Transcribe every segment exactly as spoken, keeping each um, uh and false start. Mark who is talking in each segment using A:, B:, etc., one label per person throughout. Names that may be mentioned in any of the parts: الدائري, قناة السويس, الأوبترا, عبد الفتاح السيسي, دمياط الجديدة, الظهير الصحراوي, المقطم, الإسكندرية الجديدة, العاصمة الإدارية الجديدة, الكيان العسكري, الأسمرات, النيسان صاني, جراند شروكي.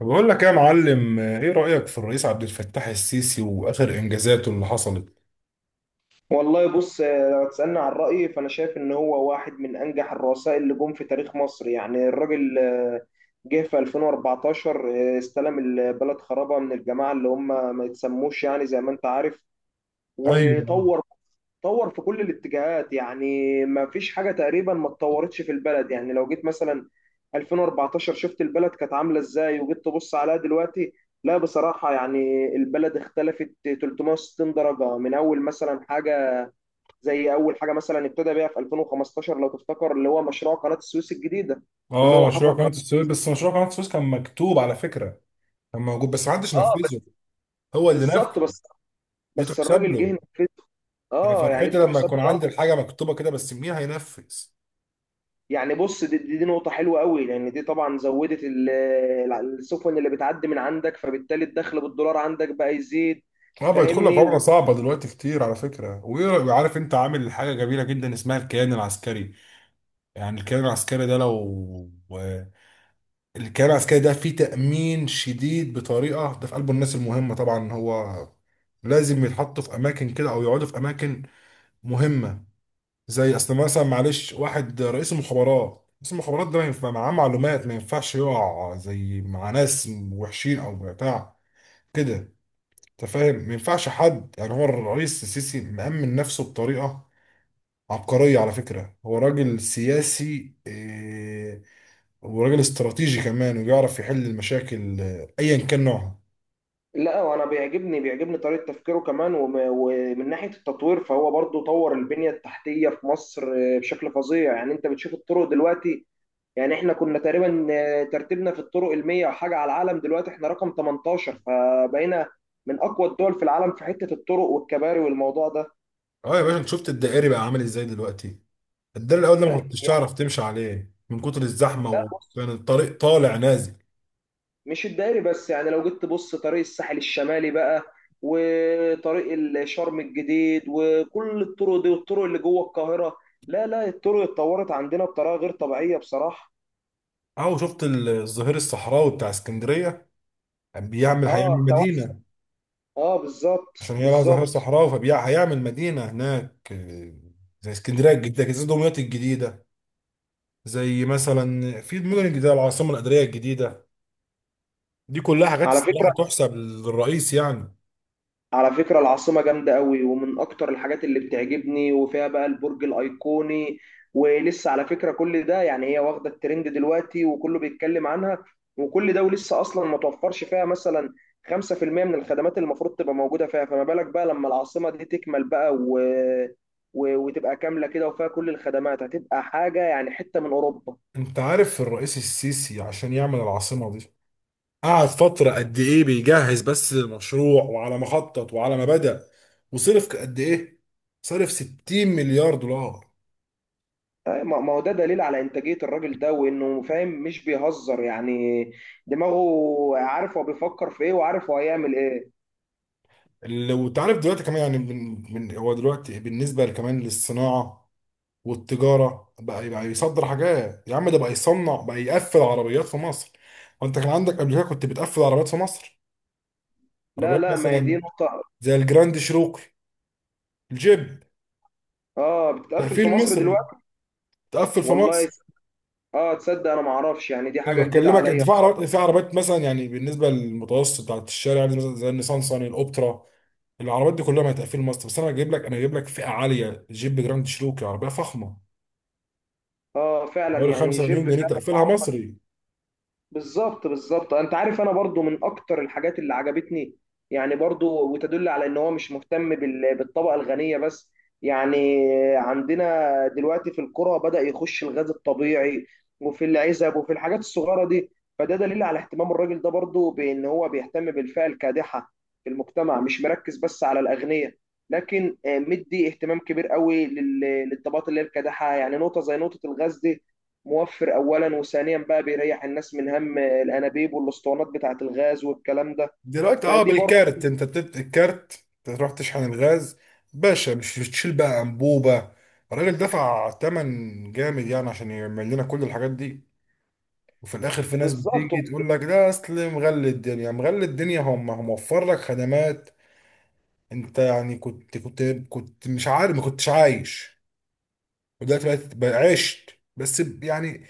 A: بقول لك يا معلم، ايه رأيك في الرئيس عبد الفتاح السيسي واخر انجازاته اللي حصلت؟
B: والله بص، آه، لو تسألني عن رأيي فأنا شايف إن هو واحد من أنجح الرؤساء اللي جم في تاريخ مصر، يعني الراجل آه، جه في ألفين وأربعتاشر. آه، استلم البلد خرابة من الجماعة اللي هم ما يتسموش، يعني زي ما أنت عارف.
A: ايوه.
B: وطور طور في كل الاتجاهات، يعني ما فيش حاجة تقريبا ما اتطورتش في البلد. يعني لو جيت مثلا ألفين وأربعتاشر، شفت البلد كانت عاملة ازاي، وجيت تبص عليها دلوقتي، لا بصراحة يعني البلد اختلفت تلتمية وستين درجة. من أول مثلا حاجة زي اول حاجه مثلا ابتدى بيها في ألفين وخمستاشر، لو تفتكر، اللي هو مشروع قناه السويس الجديده. ان
A: اه،
B: هو
A: مشروع
B: حفر
A: قناة
B: قناه.
A: السويس. بس مشروع قناة السويس كان مكتوب على فكرة، كان موجود بس محدش
B: اه بس،
A: نفذه. هو اللي
B: بالظبط
A: نفذ.
B: بس،
A: دي
B: بس
A: تحسب
B: الراجل
A: له.
B: جه نفذ.
A: انا
B: اه، يعني دي
A: فرحتي لما
B: تحسب
A: يكون
B: له أوي.
A: عندي الحاجة مكتوبة كده، بس مين هينفذ؟
B: يعني بص، دي, دي, دي نقطه حلوه قوي، لان دي طبعا زودت ال- ال- السفن اللي بتعدي من عندك، فبالتالي الدخل بالدولار عندك بقى يزيد،
A: اه، بيدخل لك
B: فاهمني.
A: عملة
B: و...
A: صعبة دلوقتي كتير على فكرة. وعارف انت عامل حاجة جميلة جدا اسمها الكيان العسكري. يعني الكيان العسكري ده لو آه، الكيان العسكري ده فيه تأمين شديد بطريقة، ده في قلبه الناس المهمة. طبعا هو لازم يتحطوا في أماكن كده، أو يقعدوا في أماكن مهمة. زي أصل مثلا، معلش، واحد رئيس المخابرات، رئيس المخابرات ده ما ينفع معاه معلومات، ما ينفعش يقع زي مع ناس وحشين أو بتاع كده. أنت فاهم، ما ينفعش حد، يعني هو الرئيس السيسي مأمن نفسه بطريقة عبقرية على فكرة. هو راجل سياسي إيه، وراجل استراتيجي كمان، وبيعرف يحل المشاكل آه، ايا كان نوعها.
B: لا وانا بيعجبني بيعجبني طريقه تفكيره كمان. وم... ومن ناحيه التطوير، فهو برضو طور البنيه التحتيه في مصر آه، بشكل فظيع. يعني انت بتشوف الطرق دلوقتي. يعني احنا كنا تقريبا آه، ترتيبنا في الطرق المية وحاجة على العالم، دلوقتي احنا رقم تمنتاشر، فبقينا من اقوى الدول في العالم في حتة الطرق والكباري والموضوع ده.
A: اه يا باشا، انت شفت الدائري بقى عامل ازاي دلوقتي؟ الدائري الاول ده ما
B: طيب،
A: كنتش
B: يعني،
A: تعرف تمشي عليه من كتر الزحمه،
B: لا بص،
A: وكان الطريق طالع نازل.
B: مش الدائري بس، يعني لو جيت تبص طريق الساحل الشمالي بقى، وطريق الشرم الجديد، وكل الطرق دي، والطرق اللي جوه القاهرة. لا لا، الطرق اتطورت عندنا بطريقة غير طبيعية بصراحة.
A: اهو، شفت الظهير الصحراوي بتاع اسكندريه، بيعمل،
B: اه
A: هيعمل
B: توسع،
A: مدينه.
B: اه بالظبط
A: عشان هي لها ظهير
B: بالظبط.
A: صحراوي فهيعمل مدينه هناك، آه، زي اسكندريه الجديده كده، زي دمياط الجديده، زي مثلا في المدن الجديده، العاصمه الاداريه الجديده. دي كلها حاجات
B: على
A: الصراحه
B: فكرة
A: تحسب للرئيس يعني.
B: على فكرة العاصمة جامدة قوي، ومن أكتر الحاجات اللي بتعجبني، وفيها بقى البرج الأيقوني. ولسه على فكرة كل ده، يعني هي واخدة الترند دلوقتي وكله بيتكلم عنها، وكل ده ولسه أصلا ما توفرش فيها مثلا خمسة في المئة من الخدمات اللي المفروض تبقى موجودة فيها، فما بالك بقى لما العاصمة دي تكمل بقى و... و... وتبقى كاملة كده وفيها كل الخدمات، هتبقى حاجة يعني حتة من أوروبا.
A: انت عارف الرئيس السيسي عشان يعمل العاصمة دي قعد فترة قد ايه بيجهز بس للمشروع، وعلى ما خطط وعلى ما بدأ وصرف قد ايه؟ صرف ستين مليار دولار.
B: أي، ما ما هو ده دليل على انتاجيه الراجل ده وانه فاهم مش بيهزر، يعني دماغه عارف هو بيفكر في ايه، وعارف هو هيعمل ايه.
A: اللي وانت عارف دلوقتي كمان يعني من من هو دلوقتي بالنسبة كمان للصناعة والتجارة بقى، بقى يصدر حاجات يا عم، ده بقى يصنع، بقى يقفل عربيات في مصر. وانت كان عندك قبل كده كنت بتقفل عربيات في مصر؟
B: لا
A: عربيات
B: لا، ما هي دي
A: مثلا
B: نقطه.
A: زي الجراند شروقي، الجيب.
B: اه بتقفل في
A: تقفيل
B: مصر
A: مصري،
B: دلوقتي.
A: تقفل في
B: والله
A: مصر.
B: يس- اه تصدق انا ما اعرفش، يعني دي حاجه
A: أنا
B: جديده
A: بكلمك انت
B: عليا
A: في
B: بصراحه.
A: عربيات، في عربيات مثلا يعني بالنسبه للمتوسط بتاعت الشارع يعني مثلا زي النيسان صاني، الاوبترا. العربيات دي كلها ما هتقفل مصر، بس انا هجيب لك، انا هجيب لك فئه عاليه، جيب جراند شروكي، عربيه فخمه
B: اه فعلا،
A: حوالي
B: يعني
A: خمسة
B: جيب
A: مليون جنيه،
B: فعلا.
A: تقفلها مصري.
B: بالظبط بالظبط، انت عارف انا برضو من اكتر الحاجات اللي عجبتني، يعني برضو، وتدل على ان هو مش مهتم بال- بالطبقة الغنية بس. يعني عندنا دلوقتي في القرى بدأ يخش الغاز الطبيعي، وفي العزب، وفي الحاجات الصغيرة دي. فده دليل على اهتمام الراجل ده، برضو بان هو بيهتم بالفئة الكادحة في المجتمع، مش مركز بس على الأغنياء، لكن آه، مدي اهتمام كبير قوي لل- للطبقات اللي هي الكادحة. يعني نقطة زي نقطة الغاز دي، موفر اولا، وثانيا بقى بيريح الناس من هم الانابيب والاسطوانات بتاعه الغاز والكلام ده.
A: دلوقتي اه
B: فدي برضه
A: بالكارت، انت بتت الكارت تروح تشحن الغاز باشا، مش بتشيل بقى انبوبه. الراجل دفع ثمن جامد يعني عشان يعمل لنا كل الحاجات دي. وفي الاخر في ناس
B: بالظبط.
A: بتيجي تقول لك ده اصل مغلي الدنيا، مغلي الدنيا، هم هم وفر لك خدمات. انت يعني كنت كنت كنت مش عارف، ما كنتش عايش، ودلوقتي بقيت بقى عشت، بس ب- يعني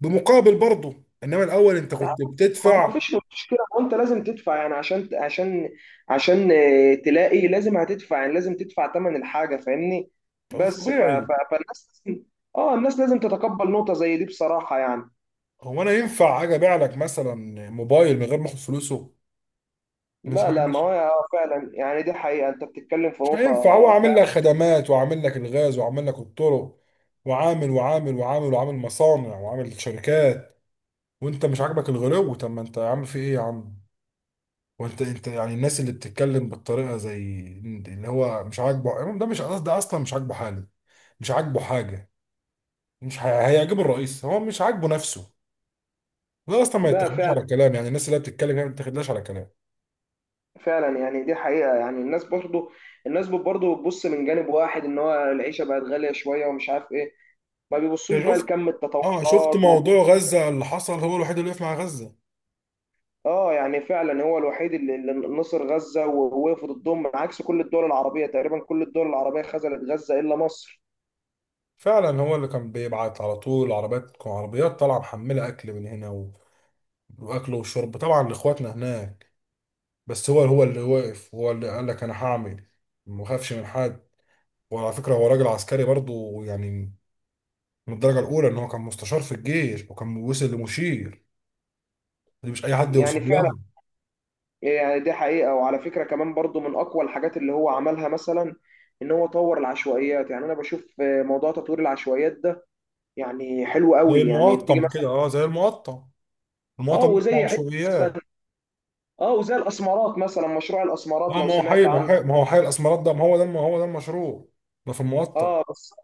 A: بمقابل برضه، انما الاول انت
B: ما
A: كنت
B: هو ما
A: بتدفع.
B: فيش مشكله، ما انت لازم تدفع، يعني عشان عشان عشان آه، تلاقي لازم هتدفع، يعني لازم تدفع ثمن الحاجه، فاهمني. بس ف... ف...
A: طبيعي.
B: فالناس لازم. اه الناس لازم تتقبل نقطه زي دي بصراحه يعني.
A: هو انا ينفع اجي ابيع لك مثلا موبايل من غير ما اخد فلوسه؟ مش هي-
B: لا لا، ما هو
A: مش
B: آه، فعلا، يعني دي حقيقه، انت بتتكلم في
A: مش
B: نقطه
A: هينفع، هو عامل لك
B: فعلا.
A: خدمات، وعامل لك الغاز، وعامل لك الطرق، وعامل وعامل وعامل، وعامل مصانع، وعامل شركات، وانت مش عاجبك الغلو؟ طب ما انت يا عم في ايه يا عم؟ وانت انت يعني الناس اللي بتتكلم بالطريقه زي اللي هو مش عاجبه امام، ده مش ده اصلا مش عاجبه حاله، مش عاجبه حاجه، مش هي- هيعجب الرئيس، هو مش عاجبه نفسه. ده اصلا ما
B: ده
A: يتاخدوش
B: فعلا،
A: على كلام، يعني الناس اللي هي بتتكلم هي ما بتاخدلاش على كلام.
B: فعلا، يعني دي حقيقة. يعني الناس برضو الناس برضو بتبص من جانب واحد ان هو العيشة بقت غالية شوية ومش عارف ايه، ما بيبصوش
A: انت
B: بقى
A: شفت،
B: لكم
A: اه شفت
B: التطورات وكل.
A: موضوع غزه اللي حصل، هو الوحيد اللي وقف مع غزه.
B: اه يعني فعلا، هو الوحيد اللي اللي نصر غزة ووقف ضد ضدهم، عكس كل الدول العربية تقريبا، كل الدول العربية خذلت غزة الا مصر.
A: فعلا هو اللي كان بيبعت على طول عربيات، عربيات طالعه محمله اكل من هنا و... واكل وشرب طبعا لاخواتنا هناك. بس هو هو اللي وقف، هو اللي قال لك انا هعمل، ما اخافش من حد. وعلى فكرة هو راجل عسكري برضو يعني من الدرجة الأولى، إن هو كان مستشار في الجيش وكان وصل لمشير. دي مش أي حد يوصل
B: يعني فعلا،
A: لها.
B: يعني دي حقيقة. وعلى فكرة كمان، برضو من اقوى الحاجات اللي هو عملها مثلا، ان هو طور العشوائيات. يعني انا بشوف موضوع تطوير العشوائيات ده يعني حلو
A: زي
B: قوي، يعني بتيجي
A: المقطم كده،
B: مثلا.
A: أه زي المقطم،
B: اه
A: المقطم مش مع
B: وزي
A: عشوائيات.
B: حته، اه وزي الاسمرات مثلا، مشروع الاسمرات،
A: آه،
B: لو
A: ما هو
B: سمعت
A: حي ما هو
B: عنه.
A: حي ما هو حي الأسمرات ده، ما هو ده ما هو ده المشروع، ده في المقطم.
B: اه بس،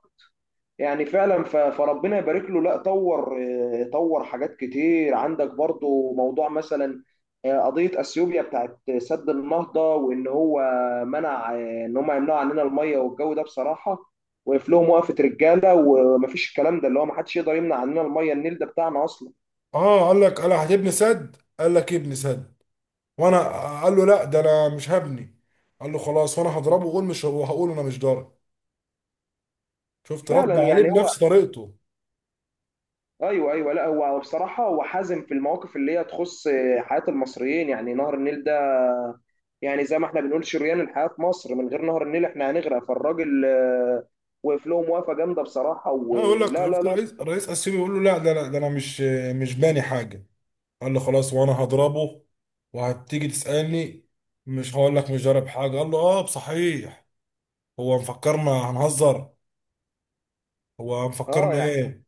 B: يعني فعلا. ف- فربنا يبارك له. لا، طور آه، طور حاجات كتير. عندك برضو موضوع مثلا آه، قضية اثيوبيا بتاعت سد النهضة، وان هو منع آه، ان هم يمنعوا عننا المية، والجو ده بصراحة وقف لهم وقفة رجالة، ومفيش الكلام ده اللي هو محدش يقدر يمنع عننا المية، النيل ده بتاعنا اصلا.
A: أه قال لك، قال هتبني سد، قال لك ابني سد. وأنا آه، قال له لا ده أنا مش هبني. قال له خلاص وأنا هضربه، وأقول مش، وهقول أنا مش ضارب. شفت رد
B: فعلا
A: عليه
B: يعني هو،
A: بنفس طريقته.
B: ايوه ايوه، لا هو بصراحة هو حازم في المواقف اللي هي تخص آه، حياة المصريين. يعني نهر النيل ده، يعني زي ما احنا بنقول شريان الحياة في مصر، من غير نهر النيل احنا هنغرق. فالراجل آه، وقف له موافقة جامدة بصراحة،
A: انا اقول لك،
B: ولا لا
A: شفت
B: لا.
A: الرئيس، الرئيس السيسي بيقول له لا ده، لا ده انا مش مش باني حاجه. قال له خلاص وانا هضربه، وهتيجي تسالني، مش هقول لك مش ضارب حاجه. قال له اه صحيح، هو مفكرنا هنهزر؟ هو
B: اه
A: مفكرنا
B: يعني
A: ايه؟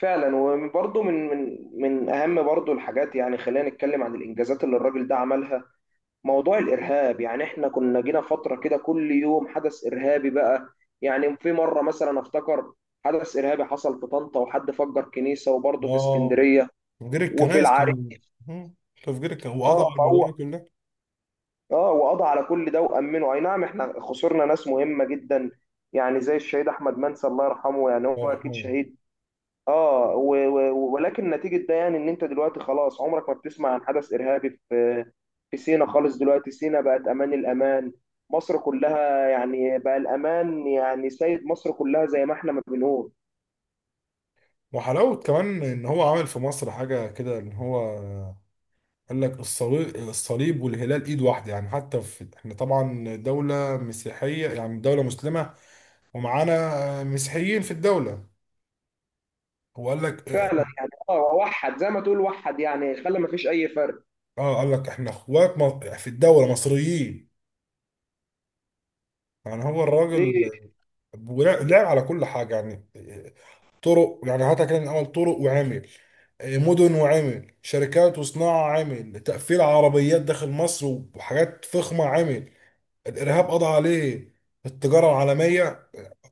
B: فعلا، وبرضه من من من اهم برضه الحاجات. يعني خلينا نتكلم عن الانجازات اللي الراجل ده عملها. موضوع الارهاب، يعني احنا كنا جينا فترة كده كل يوم حدث ارهابي بقى. يعني في مرة مثلا افتكر، حدث ارهابي حصل في طنطا وحد فجر كنيسة، وبرضه في
A: اه،
B: اسكندرية،
A: تفجير
B: وفي
A: الكنائس
B: العريش.
A: كان، مم. تفجير الكنائس، وقضى
B: اه
A: على
B: فهو،
A: الموضوع كله.
B: اه وقضى على كل ده وامنه. اي نعم احنا خسرنا ناس مهمه جدا، يعني زي الشهيد احمد منسي الله يرحمه، يعني هو
A: الله
B: اكيد
A: يرحمه.
B: شهيد. اه و و ولكن نتيجه ده، يعني ان انت دلوقتي خلاص عمرك ما بتسمع عن حدث ارهابي في في سينا خالص. دلوقتي سينا بقت امان، الامان مصر كلها يعني، بقى الامان يعني سيد مصر كلها، زي ما احنا ما بنقول.
A: وحلاوه كمان ان هو عمل في مصر حاجه كده، ان هو قال لك الصليب الصليب والهلال ايد واحده، يعني حتى في احنا طبعا دوله مسيحيه، يعني دوله مسلمه ومعانا مسيحيين في الدوله. هو قال لك،
B: فعلا يعني، اه وحد زي ما تقول، وحد يعني خلى ما فيش اي فرق
A: اه قال لك احنا اخوات م- في الدوله مصريين. يعني هو
B: دي.
A: الراجل ولا- لعب على كل حاجه يعني، طرق يعني هاتها كده من اول، طرق وعمل مدن، وعمل شركات وصناعه، عمل تقفيل عربيات داخل مصر، وحاجات فخمه عمل، الارهاب قضى عليه، التجاره العالميه،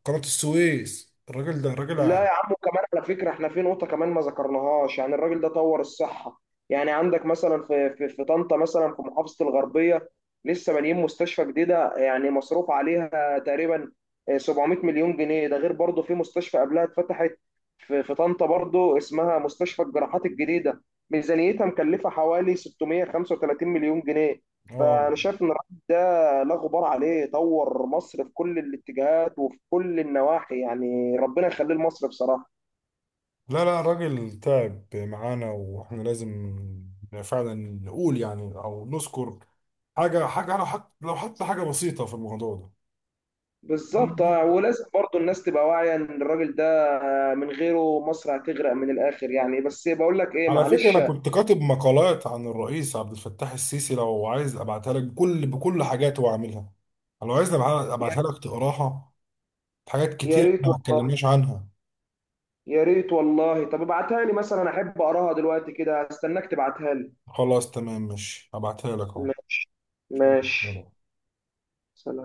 A: قناة السويس. الراجل ده راجل
B: لا
A: ع-
B: يا عم، وكمان على فكرة، احنا في نقطة كمان ما ذكرناهاش، يعني الراجل ده طور الصحة. يعني عندك مثلا في في في طنطا مثلا، في محافظة الغربية، لسه بانيين مستشفى جديدة، يعني مصروف عليها تقريبا سبعمائة مليون جنيه. ده غير برضه في مستشفى قبلها اتفتحت في في طنطا برضه، اسمها مستشفى الجراحات الجديدة، ميزانيتها مكلفة حوالي ستمية وخمسة وتلاتين مليون جنيه.
A: اه.
B: انا شايف ان الراجل ده لا غبار عليه، طور مصر في كل الاتجاهات وفي كل النواحي. يعني ربنا يخليه لمصر بصراحه.
A: لا لا، راجل تعب معانا واحنا لازم فعلا نقول يعني، او نذكر حاجة، حاجة، لو حط، لو حتى حاجة بسيطة في الموضوع ده.
B: بالظبط
A: والمهم،
B: آه، ولازم برضو الناس تبقى واعيه ان الراجل ده آه، من غيره مصر هتغرق من الاخر. يعني بس بقول لك ايه،
A: على فكرة
B: معلش.
A: أنا كنت كاتب مقالات عن الرئيس عبد الفتاح السيسي، لو عايز أبعتها لك بكل، بكل حاجاته وعاملها، لو عايز أبع-
B: يا
A: أبعتها لك تقراها. حاجات
B: يا
A: كتير
B: ريت
A: إحنا ما
B: والله،
A: اتكلمناش عنها.
B: يا ريت والله. طب ابعتها لي مثلا، انا احب اقراها دلوقتي كده، استناك تبعتها لي.
A: خلاص تمام، ماشي هبعتها لك أهو.
B: ماشي
A: ماشي،
B: ماشي.
A: يلا.
B: سلام.